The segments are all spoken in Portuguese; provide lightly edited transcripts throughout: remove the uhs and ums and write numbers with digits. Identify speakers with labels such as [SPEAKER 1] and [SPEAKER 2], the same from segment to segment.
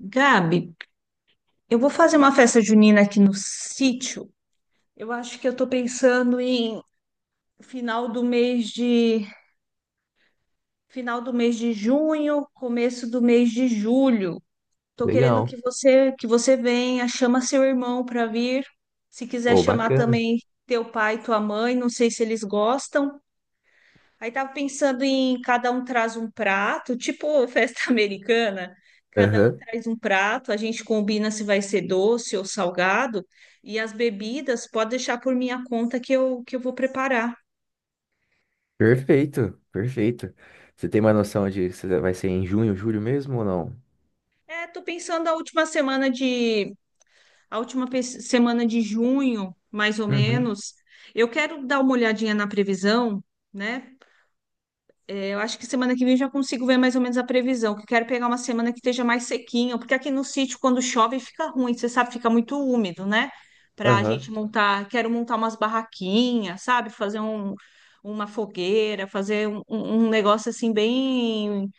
[SPEAKER 1] Gabi, eu vou fazer uma festa junina aqui no sítio. Eu acho que eu tô pensando em final do mês de final do mês de junho, começo do mês de julho. Tô querendo que
[SPEAKER 2] Legal.
[SPEAKER 1] você venha, chama seu irmão para vir. Se quiser
[SPEAKER 2] Ô,
[SPEAKER 1] chamar
[SPEAKER 2] bacana.
[SPEAKER 1] também teu pai e tua mãe, não sei se eles gostam. Aí tava pensando em cada um traz um prato, tipo festa americana. Cada um
[SPEAKER 2] Aham.
[SPEAKER 1] traz um prato, a gente combina se vai ser doce ou salgado, e as bebidas pode deixar por minha conta que eu vou preparar.
[SPEAKER 2] Perfeito, perfeito. Você tem uma noção de se vai ser em junho, julho mesmo ou não?
[SPEAKER 1] É, tô pensando a última semana de, a última pe- semana de junho, mais ou
[SPEAKER 2] Uhum.
[SPEAKER 1] menos. Eu quero dar uma olhadinha na previsão, né? Eu acho que semana que vem eu já consigo ver mais ou menos a previsão, que eu quero pegar uma semana que esteja mais sequinha, porque aqui no sítio, quando chove, fica ruim, você sabe, fica muito úmido, né? Para a gente
[SPEAKER 2] Aham.
[SPEAKER 1] montar, quero montar umas barraquinhas, sabe? Uma fogueira, fazer um negócio assim bem,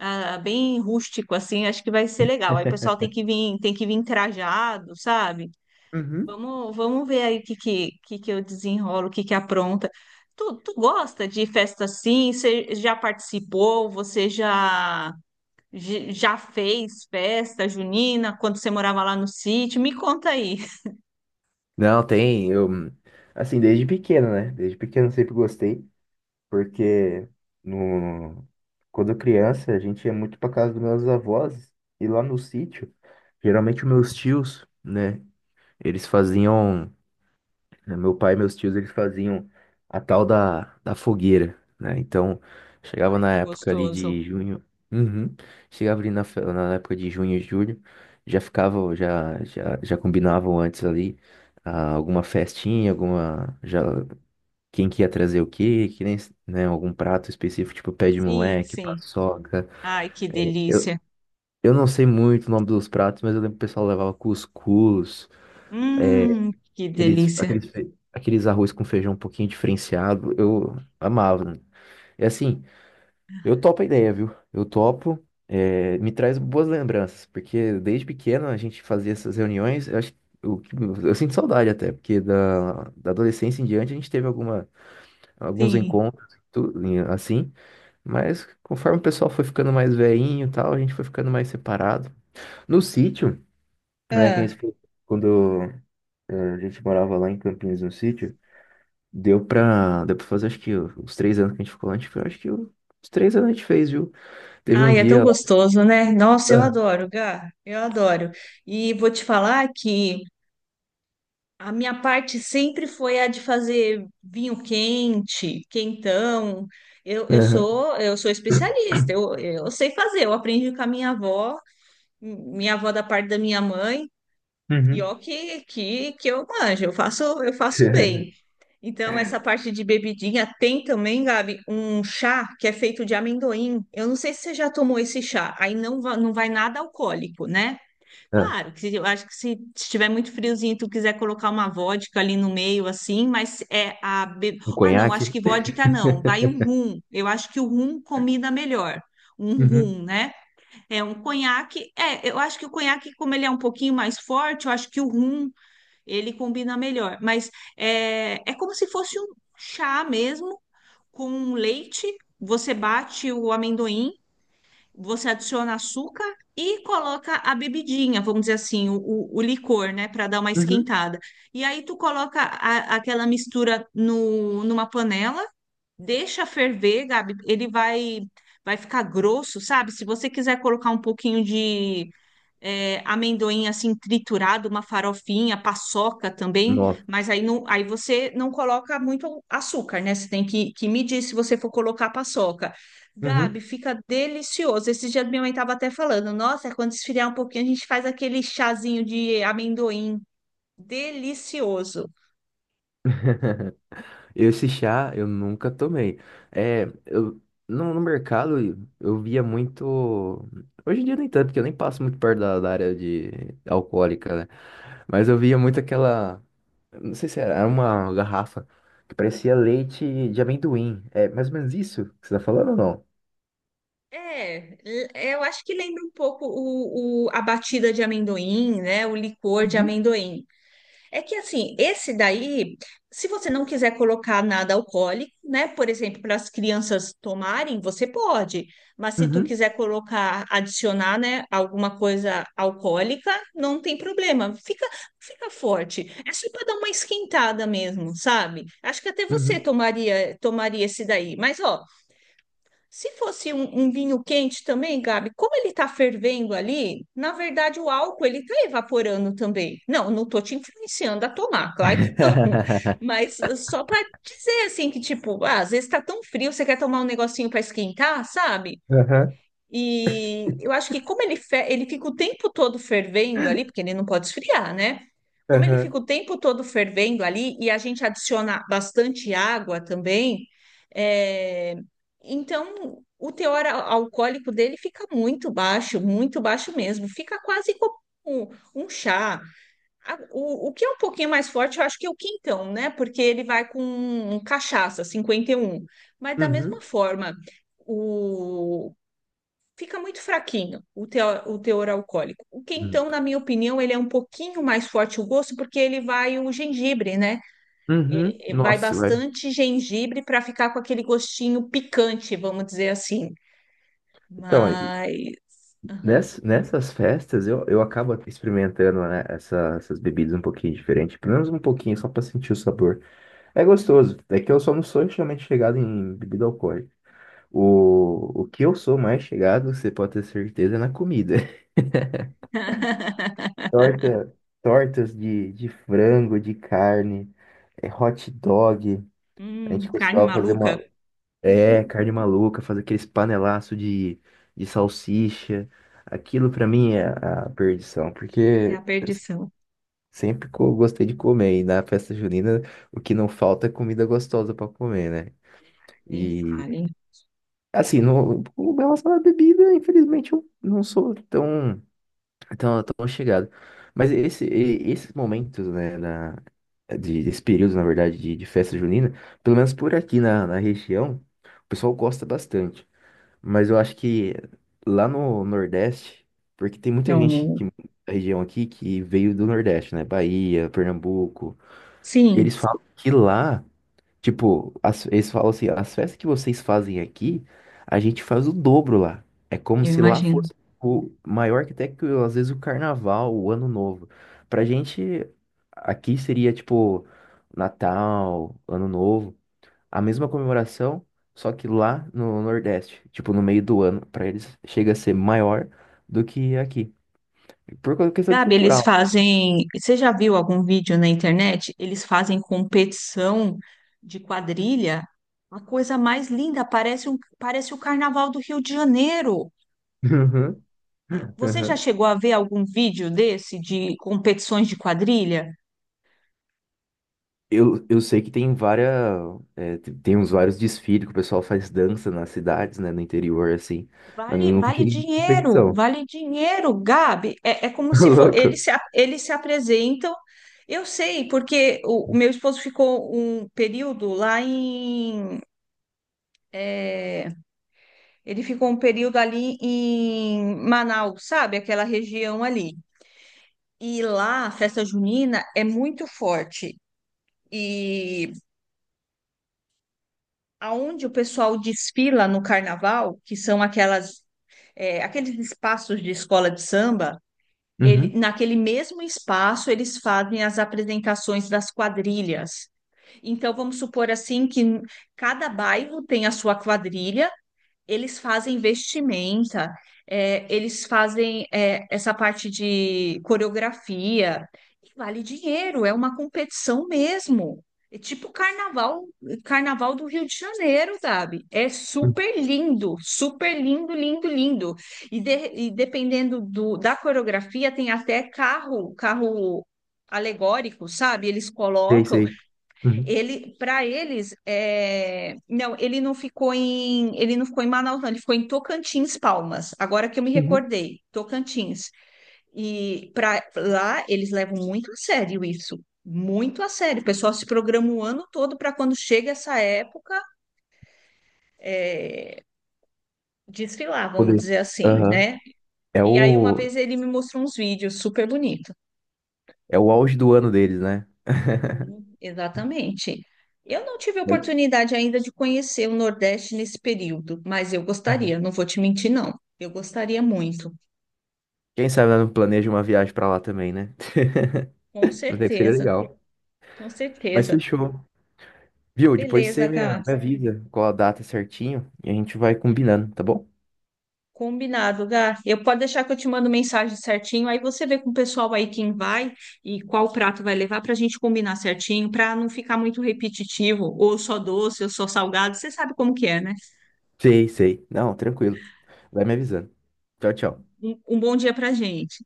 [SPEAKER 1] ah, bem rústico, assim, acho que vai ser legal. Aí o pessoal tem que vir trajado, sabe?
[SPEAKER 2] Uhum.
[SPEAKER 1] Vamos ver aí o que eu desenrolo, o que apronta. Tu gosta de festa assim? Você já participou? Você já fez festa junina quando você morava lá no sítio? Me conta aí.
[SPEAKER 2] Não, tem. Assim, desde pequeno, né? Desde pequeno eu sempre gostei, porque no, quando eu criança a gente ia muito pra casa dos meus avós e lá no sítio, geralmente os meus tios, né? Eles faziam. Né? Meu pai e meus tios, eles faziam a tal da fogueira, né? Então, chegava
[SPEAKER 1] Ai,
[SPEAKER 2] na
[SPEAKER 1] que
[SPEAKER 2] época ali
[SPEAKER 1] gostoso.
[SPEAKER 2] de junho. Uhum. Chegava ali na, na época de junho e julho, já ficava, já combinavam antes ali, ah, alguma festinha, alguma, já, quem que ia trazer o quê, que nem, né, algum prato específico, tipo pé de
[SPEAKER 1] Sim,
[SPEAKER 2] moleque,
[SPEAKER 1] sim.
[SPEAKER 2] paçoca.
[SPEAKER 1] Ai, que
[SPEAKER 2] Eu,
[SPEAKER 1] delícia.
[SPEAKER 2] eu não sei muito o nome dos pratos, mas eu lembro que o pessoal levava cuscuz.
[SPEAKER 1] Que delícia.
[SPEAKER 2] Aqueles arroz com feijão um pouquinho diferenciado, eu amava. Né? E assim, eu topo a ideia, viu? Eu topo, é, me traz boas lembranças, porque desde pequeno a gente fazia essas reuniões, eu acho, eu, eu sinto saudade até, porque da adolescência em diante a gente teve alguma, alguns
[SPEAKER 1] Sim.
[SPEAKER 2] encontros, tudo, e assim, mas conforme o pessoal foi ficando mais velhinho e tal, a gente foi ficando mais separado. No sítio, né, que a
[SPEAKER 1] Ah.
[SPEAKER 2] gente, quando a gente morava lá em Campinas, no sítio. Deu pra fazer, acho que os três anos que a gente ficou lá, acho que os três anos a gente fez, viu? Teve um
[SPEAKER 1] Ai, é tão
[SPEAKER 2] dia lá.
[SPEAKER 1] gostoso, né? Nossa, eu
[SPEAKER 2] Ah.
[SPEAKER 1] adoro, Gá. Eu adoro. E vou te falar que. A minha parte sempre foi a de fazer vinho quente, quentão. Eu, eu
[SPEAKER 2] Aham.
[SPEAKER 1] sou eu sou especialista, eu sei fazer, eu aprendi com a minha avó da parte da minha mãe, e
[SPEAKER 2] Uhum.
[SPEAKER 1] ó que eu manjo, eu faço bem. Então, essa parte de bebidinha tem também, Gabi, um chá que é feito de amendoim. Eu não sei se você já tomou esse chá, aí não, não vai nada alcoólico, né?
[SPEAKER 2] Ah,
[SPEAKER 1] Claro, que eu acho que se estiver muito friozinho e tu quiser colocar uma vodka ali no meio, assim,
[SPEAKER 2] um
[SPEAKER 1] Ah, não, acho
[SPEAKER 2] conhaque.
[SPEAKER 1] que vodka não, vai o rum. Eu acho que o rum combina melhor. Um
[SPEAKER 2] Uhum.
[SPEAKER 1] rum, né? É um conhaque. É, eu acho que o conhaque, como ele é um pouquinho mais forte, eu acho que o rum ele combina melhor. Mas é como se fosse um chá mesmo, com leite. Você bate o amendoim. Você adiciona açúcar e coloca a bebidinha, vamos dizer assim, o licor, né, para dar uma
[SPEAKER 2] Uhum.
[SPEAKER 1] esquentada. E aí tu coloca aquela mistura no, numa panela, deixa ferver, Gabi, ele vai ficar grosso, sabe? Se você quiser colocar um pouquinho de amendoim assim triturado, uma farofinha, paçoca também,
[SPEAKER 2] Nossa.
[SPEAKER 1] mas aí, não, aí você não coloca muito açúcar, né? Você tem que medir se você for colocar paçoca. Gabi,
[SPEAKER 2] Uhum.
[SPEAKER 1] fica delicioso. Esse dia minha mãe estava até falando, nossa, é quando esfriar um pouquinho, a gente faz aquele chazinho de amendoim. Delicioso.
[SPEAKER 2] Esse chá eu nunca tomei. É, eu, no mercado eu via muito. Hoje em dia nem tanto, porque eu nem passo muito perto da área de alcoólica, né? Mas eu via muito aquela. Não sei se era, era uma garrafa que parecia leite de amendoim. É mais ou menos isso que você tá falando ou não?
[SPEAKER 1] É, eu acho que lembra um pouco a batida de amendoim, né? O licor de
[SPEAKER 2] Uhum.
[SPEAKER 1] amendoim. É que assim, esse daí, se você não quiser colocar nada alcoólico, né? Por exemplo, para as crianças tomarem, você pode. Mas se tu
[SPEAKER 2] Uhum.
[SPEAKER 1] quiser colocar, adicionar, né, alguma coisa alcoólica, não tem problema. Fica, fica forte. É só para dar uma esquentada mesmo, sabe? Acho que até você
[SPEAKER 2] Uhum.
[SPEAKER 1] tomaria, tomaria esse daí. Mas ó, se fosse um, um vinho quente também, Gabi, como ele está fervendo ali, na verdade o álcool ele está evaporando também. Não, não tô te influenciando a tomar, claro que não. Mas só para dizer assim que tipo, ah, às vezes está tão frio, você quer tomar um negocinho para esquentar, sabe?
[SPEAKER 2] Aham.
[SPEAKER 1] E eu acho que como ele fica o tempo todo fervendo ali, porque ele não pode esfriar, né? Como ele
[SPEAKER 2] Aham.
[SPEAKER 1] fica o tempo todo fervendo ali e a gente adiciona bastante água também, é, então o teor alcoólico dele fica muito baixo mesmo. Fica quase como um um chá. O que é um pouquinho mais forte, eu acho que é o quintão, né? Porque ele vai com um cachaça, cinquenta e um. Mas da mesma
[SPEAKER 2] Uhum.
[SPEAKER 1] forma. O, fica muito fraquinho o, o teor alcoólico. O
[SPEAKER 2] Hum.
[SPEAKER 1] quentão, na minha opinião, ele é um pouquinho mais forte o gosto, porque ele vai o gengibre, né?
[SPEAKER 2] Uhum.
[SPEAKER 1] E vai
[SPEAKER 2] Nossa, velho.
[SPEAKER 1] bastante gengibre para ficar com aquele gostinho picante, vamos dizer assim.
[SPEAKER 2] Então, aí,
[SPEAKER 1] Mas. Aham.
[SPEAKER 2] nessas festas eu acabo experimentando, né, essas bebidas um pouquinho diferente, pelo menos um pouquinho, só pra sentir o sabor. É gostoso. É que eu só não sou extremamente chegado em bebida alcoólica. O que eu sou mais chegado, você pode ter certeza, é na comida. Torta, tortas de frango, de carne, é, hot dog. A gente
[SPEAKER 1] Carne
[SPEAKER 2] costumava fazer
[SPEAKER 1] maluca.
[SPEAKER 2] uma. É,
[SPEAKER 1] Uhum.
[SPEAKER 2] carne maluca, fazer aqueles panelaço de salsicha. Aquilo pra mim é a perdição,
[SPEAKER 1] É a
[SPEAKER 2] porque eu
[SPEAKER 1] perdição.
[SPEAKER 2] sempre gostei de comer. E na festa junina, o que não falta é comida gostosa pra comer, né?
[SPEAKER 1] Nem
[SPEAKER 2] E
[SPEAKER 1] fale.
[SPEAKER 2] assim, no, com relação à bebida, infelizmente eu não sou tão. Então, tão chegado. Mas esse, esses momentos, né, na, de, desse período, na verdade, de festa junina, pelo menos por aqui na, na região, o pessoal gosta bastante. Mas eu acho que lá no Nordeste, porque tem muita gente
[SPEAKER 1] Não.
[SPEAKER 2] que, da região aqui que veio do Nordeste, né, Bahia, Pernambuco,
[SPEAKER 1] Sim,
[SPEAKER 2] eles falam que lá, tipo, eles falam assim, as festas que vocês fazem aqui, a gente faz o dobro lá. É como
[SPEAKER 1] eu
[SPEAKER 2] se lá
[SPEAKER 1] imagino.
[SPEAKER 2] fosse o maior que até que às vezes o carnaval, o ano novo. Pra gente, aqui seria tipo Natal, ano novo, a mesma comemoração, só que lá no Nordeste, tipo no meio do ano, pra eles chega a ser maior do que aqui. Por causa, questão de
[SPEAKER 1] Gabi, eles
[SPEAKER 2] cultural.
[SPEAKER 1] fazem. Você já viu algum vídeo na internet? Eles fazem competição de quadrilha. A coisa mais linda, parece um, parece o Carnaval do Rio de Janeiro.
[SPEAKER 2] Uhum.
[SPEAKER 1] Você já
[SPEAKER 2] Uhum.
[SPEAKER 1] chegou a ver algum vídeo desse de competições de quadrilha?
[SPEAKER 2] Eu sei que tem várias, é, tem uns vários desfiles que o pessoal faz dança nas cidades, né, no interior, assim, mas eu
[SPEAKER 1] Vale,
[SPEAKER 2] nunca
[SPEAKER 1] vale
[SPEAKER 2] cheguei em
[SPEAKER 1] dinheiro,
[SPEAKER 2] competição.
[SPEAKER 1] vale dinheiro, Gabi. É, é como
[SPEAKER 2] Ô,
[SPEAKER 1] se for,
[SPEAKER 2] louco.
[SPEAKER 1] eles se apresentam. Eu sei, porque o meu esposo ficou um período é, Ele ficou um período ali em Manaus, sabe? Aquela região ali. E lá a festa junina é muito forte. E aonde o pessoal desfila no carnaval, que são aquelas, aqueles espaços de escola de samba, ele,
[SPEAKER 2] Uhum.
[SPEAKER 1] naquele mesmo espaço eles fazem as apresentações das quadrilhas. Então vamos supor assim que cada bairro tem a sua quadrilha. Eles fazem vestimenta, eles fazem essa parte de coreografia, e vale dinheiro, é uma competição mesmo. É tipo carnaval, carnaval do Rio de Janeiro, sabe? É super lindo, lindo, lindo. E dependendo da coreografia, tem até carro, carro alegórico, sabe? Eles
[SPEAKER 2] Sei,
[SPEAKER 1] colocam.
[SPEAKER 2] sei. Uhum.
[SPEAKER 1] Ele, para eles, não, ele não ficou em Manaus, não, ele ficou em Tocantins, Palmas. Agora que eu me
[SPEAKER 2] Uhum.
[SPEAKER 1] recordei, Tocantins. E para lá eles levam muito a sério isso, muito a sério. O pessoal se programa o ano todo para quando chega essa época desfilar, vamos
[SPEAKER 2] Poder.
[SPEAKER 1] dizer assim,
[SPEAKER 2] Aham.
[SPEAKER 1] né?
[SPEAKER 2] É
[SPEAKER 1] E aí uma
[SPEAKER 2] o,
[SPEAKER 1] vez ele me mostrou uns vídeos super bonitos.
[SPEAKER 2] é o auge do ano deles, né?
[SPEAKER 1] Sim, exatamente. Eu não tive
[SPEAKER 2] Mas,
[SPEAKER 1] oportunidade ainda de conhecer o Nordeste nesse período, mas eu
[SPEAKER 2] uhum.
[SPEAKER 1] gostaria, não vou te mentir, não. Eu gostaria muito,
[SPEAKER 2] Quem sabe ela não planeja uma viagem pra lá também, né?
[SPEAKER 1] com
[SPEAKER 2] Mas é que seria
[SPEAKER 1] certeza,
[SPEAKER 2] legal.
[SPEAKER 1] com
[SPEAKER 2] Mas
[SPEAKER 1] certeza.
[SPEAKER 2] fechou. Viu? Depois você
[SPEAKER 1] Beleza,
[SPEAKER 2] me,
[SPEAKER 1] Gá.
[SPEAKER 2] me avisa qual a data certinho e a gente vai combinando, tá bom?
[SPEAKER 1] Combinado, Gá. Eu posso deixar que eu te mando mensagem certinho, aí você vê com o pessoal aí quem vai e qual prato vai levar para a gente combinar certinho, para não ficar muito repetitivo, ou só doce, ou só salgado. Você sabe como que é, né?
[SPEAKER 2] Sei, sei. Não, tranquilo. Vai me avisando. Tchau, tchau.
[SPEAKER 1] Um bom dia para gente.